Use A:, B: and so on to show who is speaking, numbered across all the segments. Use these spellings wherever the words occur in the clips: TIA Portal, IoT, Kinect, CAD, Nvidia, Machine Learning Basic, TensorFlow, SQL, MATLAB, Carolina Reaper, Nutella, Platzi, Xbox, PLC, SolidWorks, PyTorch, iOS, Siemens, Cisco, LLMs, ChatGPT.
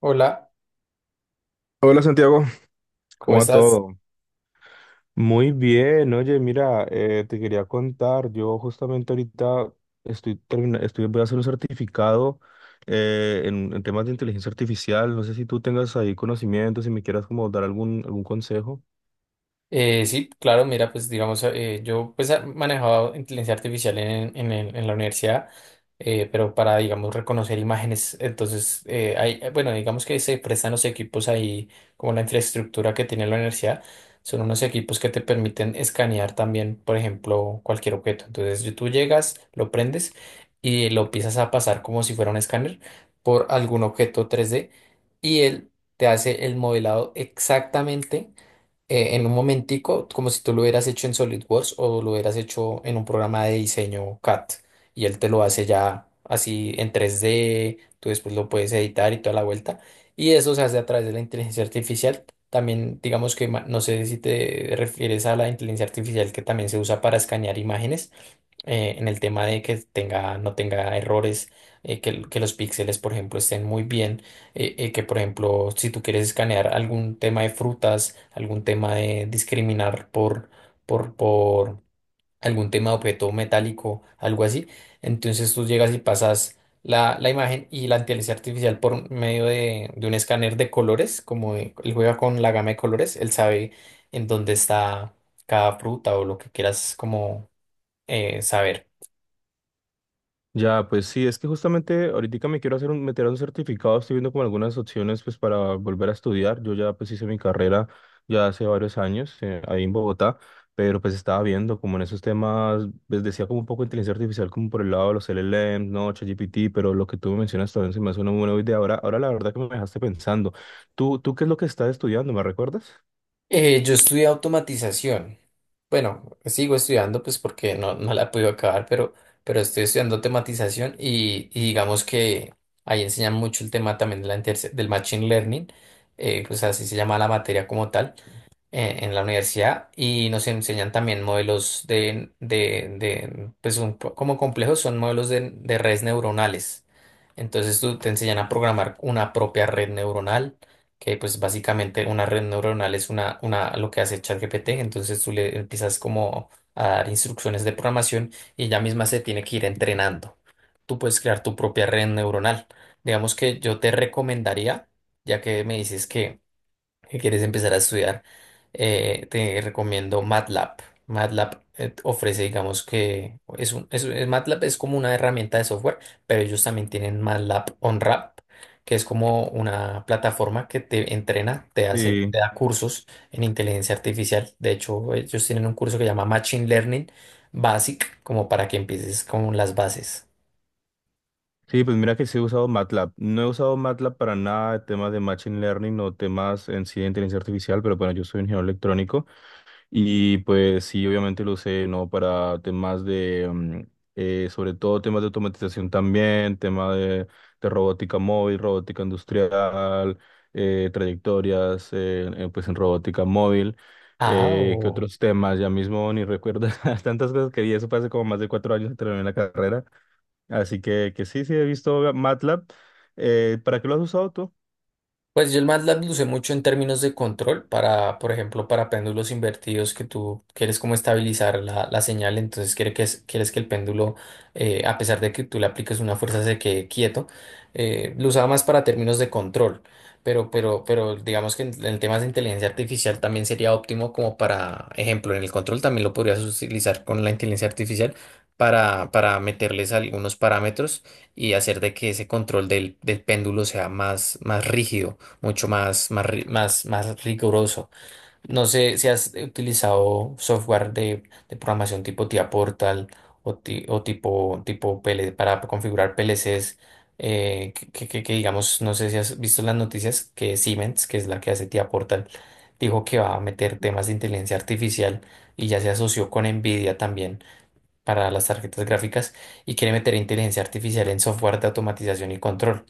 A: Hola,
B: Hola Santiago,
A: ¿cómo
B: ¿cómo va
A: estás?
B: todo? Muy bien, oye, mira, te quería contar, yo justamente ahorita voy a hacer un certificado en, temas de inteligencia artificial, no sé si tú tengas ahí conocimientos, si me quieras como dar algún consejo.
A: Sí, claro, mira, pues digamos, yo pues manejaba inteligencia artificial en la universidad, pero para, digamos, reconocer imágenes, entonces, hay, bueno, digamos que se prestan los equipos ahí, como la infraestructura que tiene la universidad, son unos equipos que te permiten escanear también, por ejemplo, cualquier objeto. Entonces, tú llegas, lo prendes y lo empiezas a pasar como si fuera un escáner por algún objeto 3D y él te hace el modelado exactamente en un momentico, como si tú lo hubieras hecho en SolidWorks o lo hubieras hecho en un programa de diseño CAD. Y él te lo hace ya así en 3D, tú después lo puedes editar y toda la vuelta. Y eso se hace a través de la inteligencia artificial. También, digamos que, no sé si te refieres a la inteligencia artificial que también se usa para escanear imágenes en el tema de que tenga, no tenga errores, que, que los píxeles, por ejemplo, estén muy bien, que, por ejemplo, si tú quieres escanear algún tema de frutas, algún tema de discriminar por algún tema de objeto metálico, algo así, entonces tú llegas y pasas la imagen y la inteligencia artificial por medio de un escáner de colores, como él juega con la gama de colores, él sabe en dónde está cada fruta o lo que quieras como saber.
B: Ya, pues sí, es que justamente ahorita me quiero hacer meter a un certificado, estoy viendo como algunas opciones pues para volver a estudiar. Yo ya pues hice mi carrera ya hace varios años ahí en Bogotá, pero pues estaba viendo como en esos temas, pues decía como un poco de inteligencia artificial como por el lado de los LLMs, no, ChatGPT, pero lo que tú me mencionas también se me hace una buena idea. Ahora la verdad que me dejaste pensando. ¿Tú qué es lo que estás estudiando? ¿Me recuerdas?
A: Yo estudié automatización. Bueno, sigo estudiando pues porque no la pude acabar, pero estoy estudiando automatización y digamos que ahí enseñan mucho el tema también de del machine learning, pues así se llama la materia como tal en la universidad y nos enseñan también modelos de pues como complejos son modelos de redes neuronales. Entonces tú te enseñan a programar una propia red neuronal, que pues básicamente una red neuronal es una, lo que hace ChatGPT, entonces tú le empiezas como a dar instrucciones de programación y ella misma se tiene que ir entrenando. Tú puedes crear tu propia red neuronal. Digamos que yo te recomendaría, ya que me dices que quieres empezar a estudiar, te recomiendo MATLAB. MATLAB ofrece, digamos que es un, MATLAB es como una herramienta de software, pero ellos también tienen MATLAB OnRap, que es como una plataforma que te entrena, te hace,
B: Sí.
A: te da cursos en inteligencia artificial. De hecho, ellos tienen un curso que se llama Machine Learning Basic, como para que empieces con las bases.
B: Sí, pues mira que sí he usado MATLAB. No he usado MATLAB para nada de temas de Machine Learning o temas en sí de inteligencia artificial, pero bueno, yo soy ingeniero electrónico. Y pues sí, obviamente lo usé, ¿no? Para temas de, sobre todo temas de automatización también, tema de robótica móvil, robótica industrial, trayectorias, pues en robótica móvil.
A: Ah,
B: ¿Qué otros temas? Ya mismo ni recuerdo tantas cosas que di, eso fue hace como más de 4 años que terminé la carrera. Así que sí, sí, he visto MATLAB. ¿Para qué lo has usado tú?
A: pues yo el MATLAB lo usé mucho en términos de control para, por ejemplo, para péndulos invertidos que tú quieres como estabilizar la señal, entonces quiere que, quieres que el péndulo, a pesar de que tú le apliques una fuerza, se quede quieto. Lo usaba más para términos de control, pero digamos que en temas de inteligencia artificial también sería óptimo como para, ejemplo, en el control también lo podrías utilizar con la inteligencia artificial para meterles algunos parámetros y hacer de que ese control del péndulo sea más, más rígido mucho más, más, más, más riguroso. No sé si has utilizado software de programación tipo TIA Portal o tipo, tipo PL para configurar PLCs, que, que digamos, no sé si has visto las noticias que Siemens, que es la que hace TIA Portal, dijo que va a meter temas de inteligencia artificial y ya se asoció con Nvidia también para las tarjetas gráficas y quiere meter inteligencia artificial en software de automatización y control.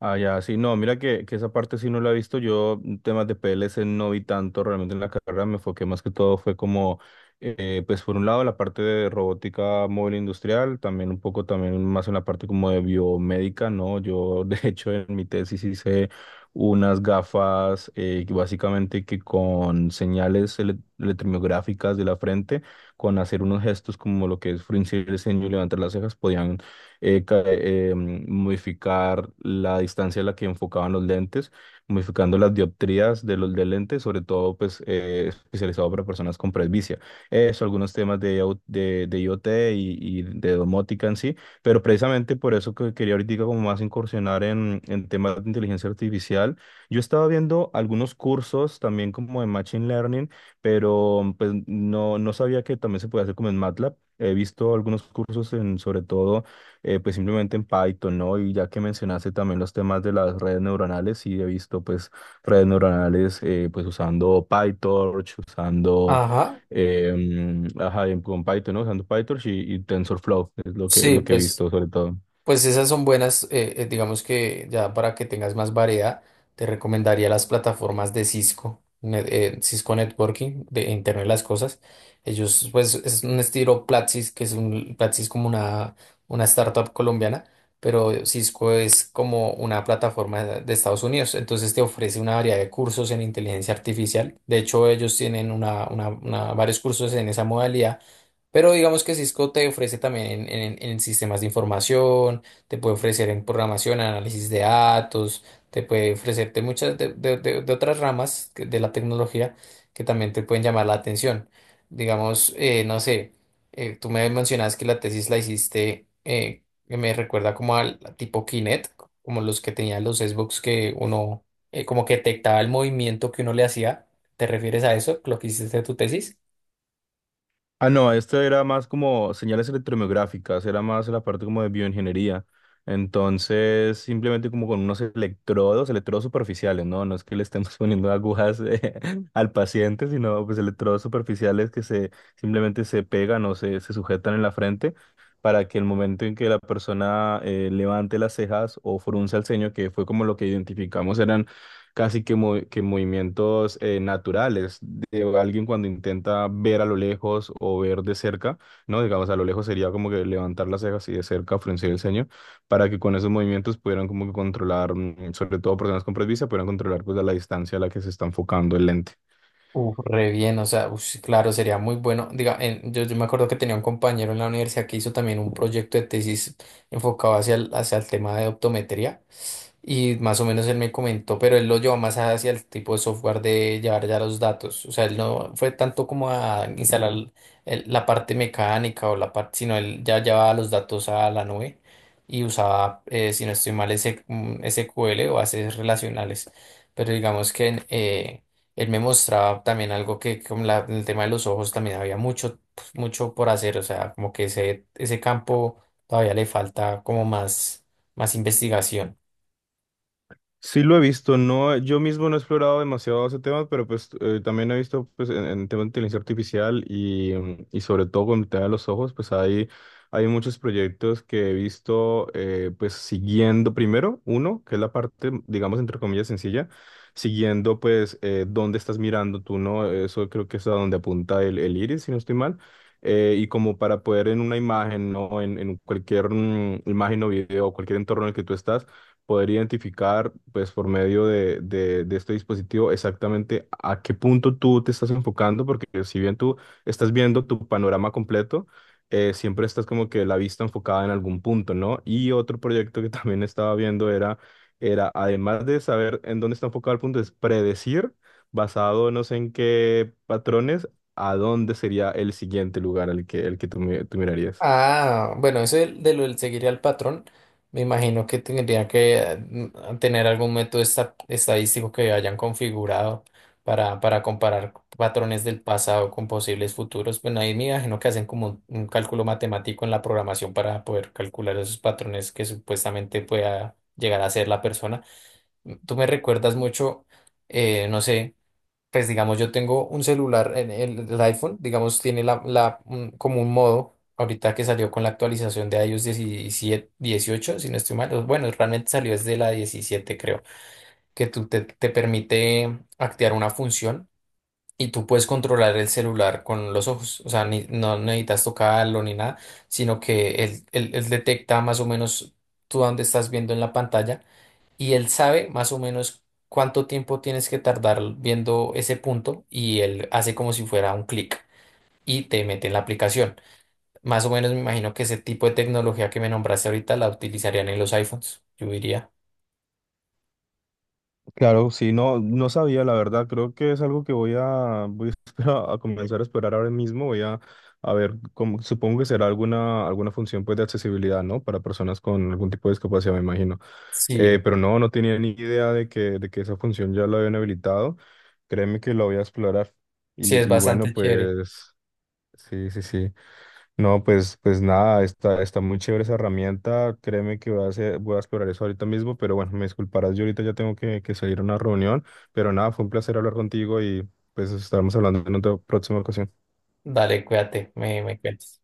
B: Ah, ya, sí, no, mira que esa parte sí no la he visto. Yo temas de PLC no vi tanto realmente en la carrera, me enfoqué más que todo fue como, pues por un lado la parte de robótica móvil industrial, también un poco también más en la parte como de biomédica, ¿no? Yo de hecho en mi tesis hice unas gafas que básicamente que con señales electromiográficas de la frente, con hacer unos gestos como lo que es fruncir el ceño y levantar las cejas, podían modificar la distancia a la que enfocaban los lentes, modificando las dioptrías de los de lentes, sobre todo pues especializado para personas con presbicia. Eso, algunos temas de IoT y de domótica en sí, pero precisamente por eso que quería ahorita como más incursionar en temas de inteligencia artificial. Yo estaba viendo algunos cursos también como de Machine Learning, pero pues no sabía que también se puede hacer como en MATLAB. He visto algunos cursos sobre todo pues simplemente en Python, ¿no? Y ya que mencionaste también los temas de las redes neuronales, sí he visto pues redes neuronales pues usando PyTorch, usando,
A: Ajá,
B: ajá, con Python, ¿no? Usando PyTorch y TensorFlow, es lo que, es
A: sí,
B: lo que he
A: pues
B: visto sobre todo.
A: pues esas son buenas, digamos que ya para que tengas más variedad, te recomendaría las plataformas de Cisco, Cisco Networking, de Internet de las Cosas. Ellos, pues, es un estilo Platzi, que es un, Platzi es como una startup colombiana, pero Cisco es como una plataforma de Estados Unidos. Entonces te ofrece una variedad de cursos en inteligencia artificial. De hecho, ellos tienen una, varios cursos en esa modalidad, pero digamos que Cisco te ofrece también en, en sistemas de información, te puede ofrecer en programación, análisis de datos, te puede ofrecerte muchas de otras ramas de la tecnología que también te pueden llamar la atención. Digamos, no sé, tú me mencionas que la tesis la hiciste, que me recuerda como al tipo Kinect, como los que tenían los Xbox que uno como que detectaba el movimiento que uno le hacía. ¿Te refieres a eso, lo que hiciste de tu tesis?
B: Ah, no, esto era más como señales electromiográficas, era más la parte como de bioingeniería. Entonces, simplemente como con unos electrodos, electrodos superficiales, ¿no? No es que le estemos poniendo agujas al paciente, sino pues electrodos superficiales que se simplemente se pegan o se sujetan en la frente para que el momento en que la persona levante las cejas o frunza el ceño, que fue como lo que identificamos, eran casi que movimientos naturales de alguien cuando intenta ver a lo lejos o ver de cerca, ¿no? Digamos, a lo lejos sería como que levantar las cejas y de cerca fruncir el ceño, para que con esos movimientos pudieran como que controlar, sobre todo personas con presbicia, pudieran controlar pues a la distancia a la que se está enfocando el lente.
A: Uf, re bien, o sea, ush, claro, sería muy bueno. Diga, yo, yo me acuerdo que tenía un compañero en la universidad que hizo también un proyecto de tesis enfocado hacia el tema de optometría. Y más o menos él me comentó, pero él lo llevó más hacia el tipo de software de llevar ya los datos. O sea, él no fue tanto como a instalar la parte mecánica o la parte, sino él ya llevaba los datos a la nube y usaba, si no estoy mal, ese, mm, SQL o bases relacionales. Pero digamos que él me mostraba también algo que con el tema de los ojos también había mucho, pues, mucho por hacer. O sea, como que ese campo todavía le falta como más, más investigación.
B: Sí lo he visto, no, yo mismo no he explorado demasiado ese tema, pero pues también he visto pues en tema de inteligencia artificial y sobre todo con el tema de los ojos, pues hay muchos proyectos que he visto pues siguiendo primero, uno, que es la parte, digamos, entre comillas, sencilla, siguiendo pues dónde estás mirando tú, ¿no? Eso creo que es a donde apunta el iris, si no estoy mal. Y como para poder en una imagen, ¿no? En cualquier imagen o video o cualquier entorno en el que tú estás poder identificar, pues por medio de este dispositivo, exactamente a qué punto tú te estás enfocando, porque si bien tú estás viendo tu panorama completo, siempre estás como que la vista enfocada en algún punto, ¿no? Y otro proyecto que también estaba viendo era además de saber en dónde está enfocado el punto, es predecir, basado no sé en qué patrones, a dónde sería el siguiente lugar el que tú mirarías.
A: Ah, bueno, eso de lo del seguir al patrón, me imagino que tendría que tener algún método estadístico que hayan configurado para comparar patrones del pasado con posibles futuros. Bueno, ahí me imagino que hacen como un cálculo matemático en la programación para poder calcular esos patrones que supuestamente pueda llegar a ser la persona. Mm, tú me recuerdas mucho, no sé. Pues digamos, yo tengo un celular, el iPhone, digamos, tiene como un modo, ahorita que salió con la actualización de iOS 17 18 si no estoy mal, o bueno, realmente salió desde la 17 creo, que te permite activar una función y tú puedes controlar el celular con los ojos, o sea, no necesitas tocarlo ni nada, sino que él detecta más o menos tú dónde estás viendo en la pantalla y él sabe más o menos cuánto tiempo tienes que tardar viendo ese punto y él hace como si fuera un clic y te mete en la aplicación. Más o menos me imagino que ese tipo de tecnología que me nombraste ahorita la utilizarían en los iPhones, yo diría.
B: Claro, sí, no, sabía, la verdad. Creo que es algo que voy a comenzar a explorar ahora mismo. Voy a ver, supongo que será alguna, función pues, de accesibilidad, ¿no? Para personas con algún tipo de discapacidad, me imagino. Eh,
A: Sí,
B: pero no tenía ni idea de que esa función ya la habían habilitado. Créeme que lo voy a explorar.
A: sí, es
B: Y bueno,
A: bastante chévere.
B: pues sí, sí, sí. No, pues nada, está muy chévere esa herramienta. Créeme que voy a explorar eso ahorita mismo, pero bueno, me disculparás, yo ahorita ya tengo que salir a una reunión, pero nada, fue un placer hablar contigo y pues estaremos hablando en otra próxima ocasión.
A: Dale, cuídate, me cuentas.